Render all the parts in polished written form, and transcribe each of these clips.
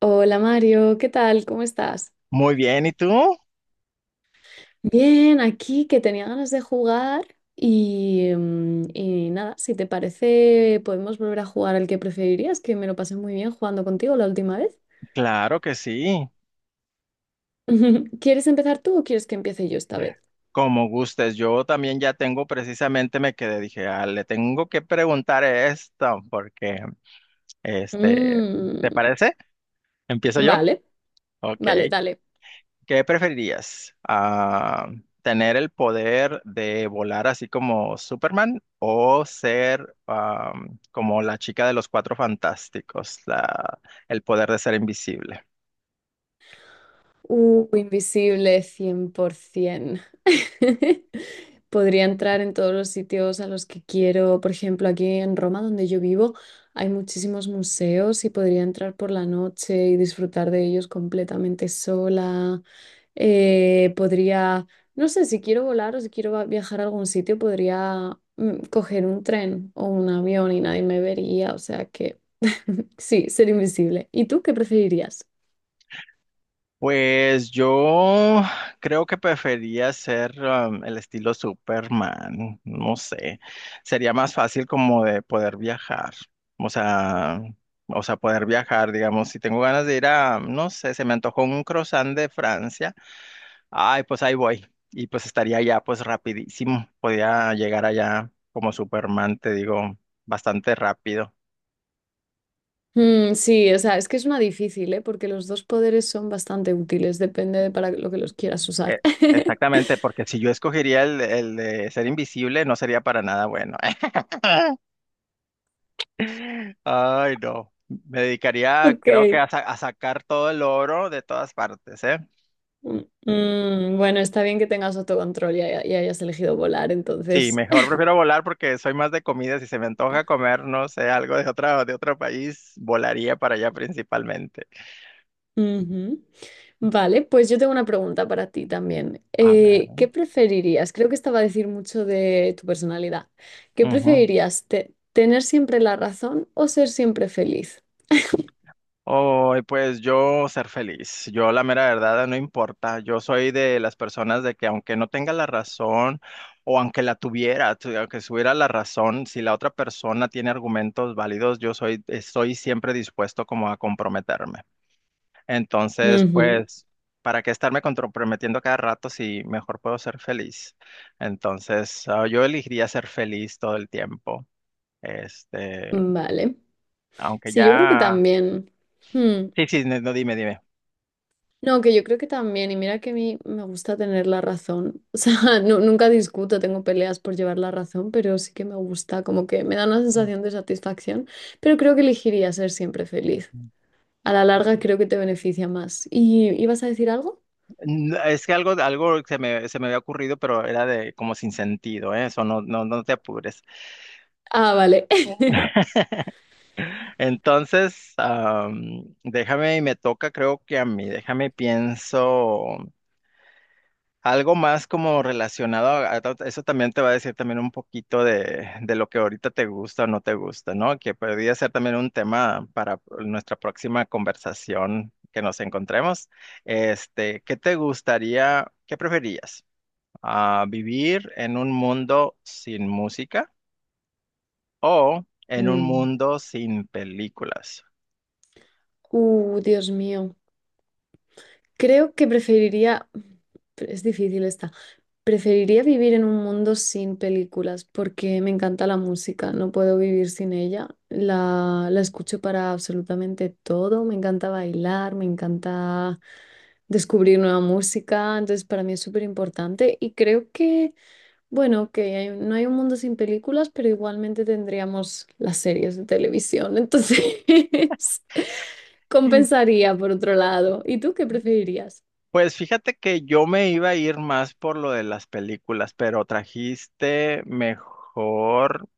Hola Mario, ¿qué tal? ¿Cómo estás? Muy bien, ¿y tú? Bien, aquí que tenía ganas de jugar y y nada, si te parece, podemos volver a jugar al que preferirías, que me lo pasé muy bien jugando contigo la última vez. Claro que sí, ¿Quieres empezar tú o quieres que empiece yo esta vez? como gustes. Yo también ya tengo precisamente, me quedé, dije, ah, le tengo que preguntar esto, porque, este, ¿te Mm, parece? ¿Empiezo yo? vale, Ok. vale, dale. ¿Qué preferirías? Ah, ¿tener el poder de volar así como Superman o ser como la chica de los cuatro fantásticos, la, el poder de ser invisible? Invisible, 100%. Podría entrar en todos los sitios a los que quiero. Por ejemplo, aquí en Roma, donde yo vivo, hay muchísimos museos y podría entrar por la noche y disfrutar de ellos completamente sola. Podría, no sé, si quiero volar o si quiero viajar a algún sitio, podría coger un tren o un avión y nadie me vería. O sea que sí, ser invisible. ¿Y tú qué preferirías? Pues yo creo que prefería ser el estilo Superman, no sé, sería más fácil como de poder viajar, o sea, o sea, poder viajar, digamos, si tengo ganas de ir a, no sé, se me antojó un croissant de Francia, ay, pues ahí voy, y pues estaría allá pues rapidísimo, podía llegar allá como Superman, te digo, bastante rápido. Mm, sí, o sea, es que es una difícil, ¿eh? Porque los dos poderes son bastante útiles, depende de para lo que los quieras Eh, usar. Exactamente, porque si yo escogería el de ser invisible, no sería para nada bueno. Ay, no. Me dedicaría, Ok. creo que a, a sacar todo el oro de todas partes, ¿eh? Mm, bueno, está bien que tengas autocontrol y, y hayas elegido volar, Sí, entonces. mejor prefiero volar porque soy más de comida. Si se me antoja comer, no sé, algo de otra, de otro país, volaría para allá principalmente. Ujú. Vale, pues yo tengo una pregunta para ti también. A ver. ¿Qué preferirías? Creo que esta va a decir mucho de tu personalidad. ¿Qué Ujú. preferirías? ¿Tener siempre la razón o ser siempre feliz? Oh, pues yo ser feliz. Yo la mera verdad no importa. Yo soy de las personas de que aunque no tenga la razón o aunque la tuviera, aunque tuviera la razón, si la otra persona tiene argumentos válidos, yo soy estoy siempre dispuesto como a comprometerme. Entonces, Ujú. pues, ¿para qué estarme comprometiendo cada rato si mejor puedo ser feliz? Entonces, ah, yo elegiría ser feliz todo el tiempo. Este, Vale. aunque Sí, yo creo que ya... también. Hmm. Sí, sí, no, no, dime, dime. No, que yo creo que también, y mira que a mí me gusta tener la razón. O sea, nunca discuto, tengo peleas por llevar la razón, pero sí que me gusta, como que me da una sensación de satisfacción, pero creo que elegiría ser siempre feliz. A la larga creo que te beneficia más. ¿Y ibas a decir algo? Es que algo, algo se me había ocurrido, pero era de como sin sentido, ¿eh? Eso no, no, no te apures. Ah, vale. Entonces, déjame y me toca, creo que a mí, déjame y pienso algo más como relacionado a eso también te va a decir también un poquito de lo que ahorita te gusta o no te gusta, ¿no? Que podría ser también un tema para nuestra próxima conversación que nos encontremos. Este, ¿qué te gustaría, qué preferías? Ah, ¿vivir en un mundo sin música o en un Mm. mundo sin películas? Dios mío. Creo que preferiría... Es difícil esta. Preferiría vivir en un mundo sin películas porque me encanta la música, no puedo vivir sin ella. La escucho para absolutamente todo, me encanta bailar, me encanta descubrir nueva música, entonces para mí es súper importante y creo que, bueno, que no hay un mundo sin películas, pero igualmente tendríamos las series de televisión, entonces Mm. compensaría por otro lado. ¿Y tú qué preferirías? Pues fíjate que yo me iba a ir más por lo de las películas, pero trajiste mejor,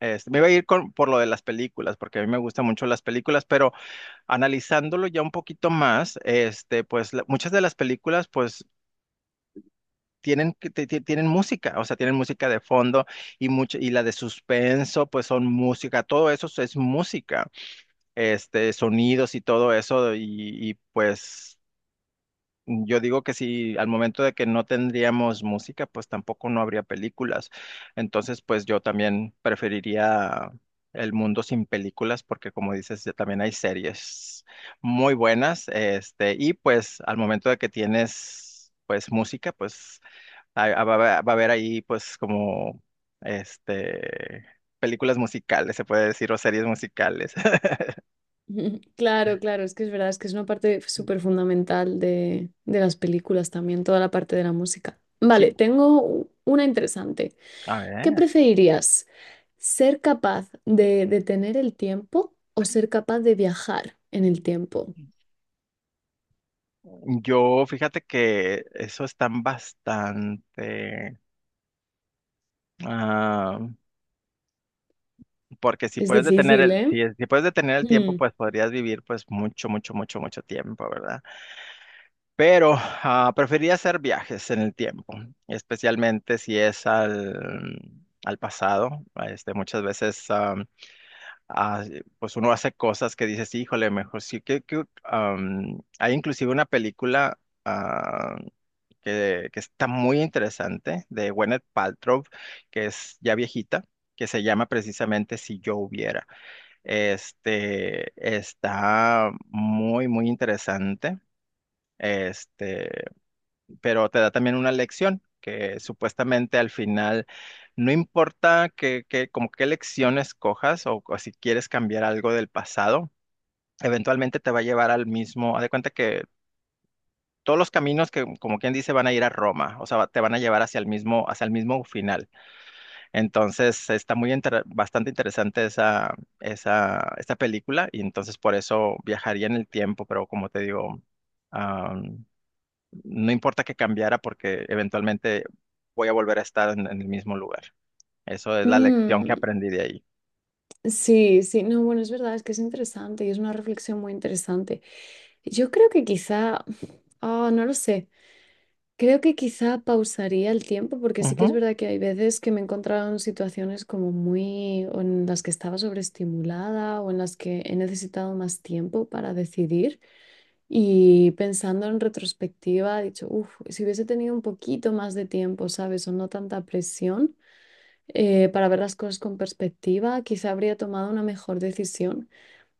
este, me iba a ir con, por lo de las películas, porque a mí me gustan mucho las películas, pero analizándolo ya un poquito más, este, pues muchas de las películas, pues tienen, tienen música, o sea, tienen música de fondo y mucho, y la de suspenso, pues son música, todo eso es música, este, sonidos y todo eso, y pues yo digo que si al momento de que no tendríamos música, pues tampoco no habría películas. Entonces, pues yo también preferiría el mundo sin películas, porque como dices, ya también hay series muy buenas, este, y pues al momento de que tienes pues música, pues va a haber ahí pues como este películas musicales, se puede decir, o series musicales. Ujú. Claro, claro, es que es verdad, es que es una parte súper fundamental de las películas también, toda la parte de la música. Sí, Vale, tengo una interesante. a ¿Qué ver. preferirías? ¿Ser capaz de detener el tiempo o ser capaz de viajar en el tiempo? Yo fíjate que eso están bastante ah, porque si Es puedes difícil, ¿eh? si, si puedes detener el tiempo, Mm. pues podrías vivir pues mucho, mucho, mucho, mucho tiempo, ¿verdad? Pero ah, preferiría hacer viajes en el tiempo, especialmente si es al pasado. Este, muchas veces. Ah, sí, pues uno hace cosas que dices, híjole, mejor sí que, am, hay inclusive una película ah, que está muy interesante de Gwyneth Paltrow, que es ya viejita, que se llama precisamente Si yo hubiera. Este está muy, muy interesante. Este, pero te da también una lección que supuestamente al final no importa que, como qué lección escojas o si quieres cambiar algo del pasado, eventualmente te va a llevar al mismo, haz de cuenta que todos los caminos que como quien dice van a ir a Roma, o sea, te van a llevar hacia el mismo final. Entonces, está muy bastante interesante esa esta película y entonces por eso viajaría en el tiempo, pero como te digo, no importa que cambiara porque eventualmente voy a volver a estar en el mismo lugar. Eso es la lección Mm, que aprendí de ahí. sí, sí, no, bueno, es verdad, es que es interesante y es una reflexión muy interesante. Yo creo que quizá, no lo sé. Creo que quizá pausaría el tiempo porque sí que es Ujú. verdad que hay veces que me he encontrado en situaciones como muy o en las que estaba sobreestimulada o en las que he necesitado más tiempo para decidir y pensando en retrospectiva he dicho, uff, si hubiese tenido un poquito más de tiempo, ¿sabes? O no tanta presión para ver las cosas con perspectiva, quizá habría tomado una mejor decisión.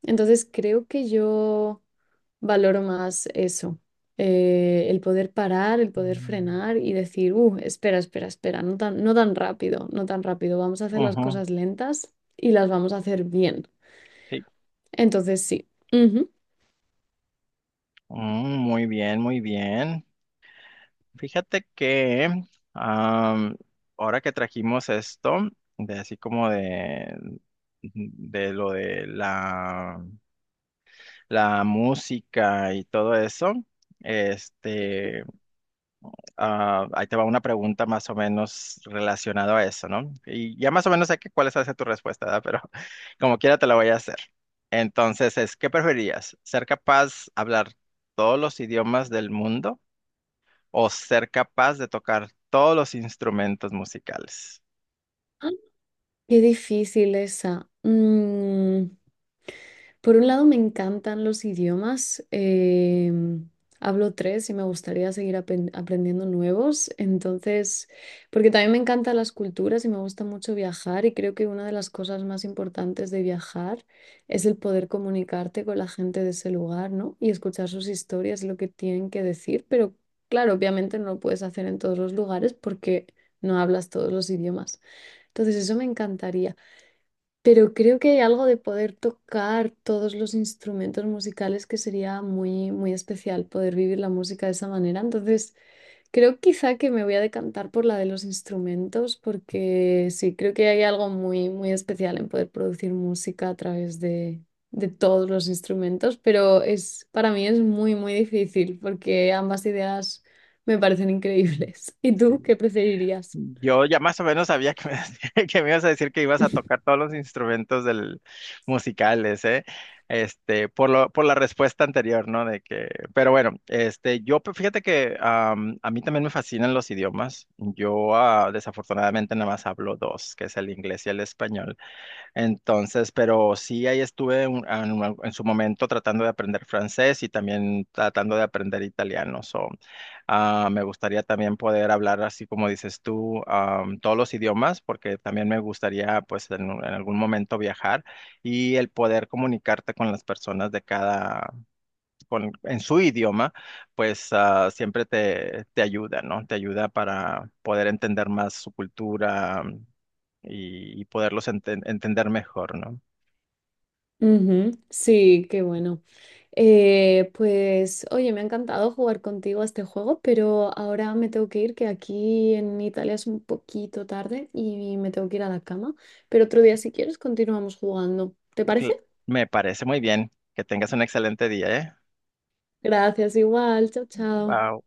Entonces creo que yo valoro más eso, el poder parar, el poder Mm. frenar y decir, espera, espera, espera, no tan, no tan rápido, no tan rápido, vamos a hacer las Ujú, cosas lentas y las vamos a hacer bien. sí. Entonces, sí. Ujú. Mm, muy bien, muy bien. Fíjate que am, ahora que trajimos esto, de así como de lo de la, la música y todo eso, este, ah, ahí te va una pregunta más o menos relacionada a eso, ¿no? Y ya más o menos sé que cuál es hacia tu respuesta, ¿verdad? Pero como quiera te la voy a hacer. Entonces es, ¿qué preferirías? ¿Ser capaz de hablar todos los idiomas del mundo o ser capaz de tocar todos los instrumentos musicales? ¡Ah! Qué difícil esa. Mm, por un lado, me encantan los idiomas. Hablo 3 y me gustaría seguir aprendiendo nuevos. Entonces, porque también me encantan las culturas y me gusta mucho viajar y creo que una de las cosas más importantes de viajar es el poder comunicarte con la gente de ese lugar, ¿no? Y escuchar sus historias, lo que tienen que decir. Pero claro, obviamente no lo puedes hacer en todos los lugares porque no hablas todos los idiomas. Entonces, eso me encantaría. Pero creo que hay algo de poder tocar todos los instrumentos musicales que sería muy, muy especial poder vivir la música de esa manera. Entonces, creo quizá que me voy a decantar por la de los instrumentos porque sí, creo que hay algo muy, muy especial en poder producir música a través de todos los instrumentos, pero es, para mí es muy, muy difícil porque ambas ideas me parecen Mm. increíbles. ¿Y Sí. tú qué preferirías? Yo ya más o menos sabía que me, que me ibas a decir que ibas a tocar todos los instrumentos del, musicales, ¿eh? Este, por lo, por la respuesta anterior, ¿no? De que, pero bueno, este, yo pues, fíjate que a mí también me fascinan los idiomas. Yo ah, desafortunadamente nada más hablo dos, que es el inglés y el español. Entonces, pero sí, ahí estuve ah, en su momento tratando de aprender francés y también tratando de aprender italiano. So, ah, me gustaría también poder hablar, así como dices tú, todos los idiomas, porque también me gustaría, pues, en algún momento viajar y el poder comunicarte con las personas de cada, con, en su idioma, pues, ah, siempre te, te ayuda, ¿no? Te ayuda para poder entender más su cultura y poderlos entender mejor, ¿no? Ujú, sí, qué bueno. Pues oye, me ha encantado jugar contigo a este juego, pero ahora me tengo que ir, que aquí en Italia es un poquito tarde y me tengo que ir a la cama. Pero otro día, si quieres, continuamos jugando. ¿Te Cl- parece? Me parece muy bien. Que tengas un excelente día, ¿eh? Gracias, igual. Chao, chao. Bye.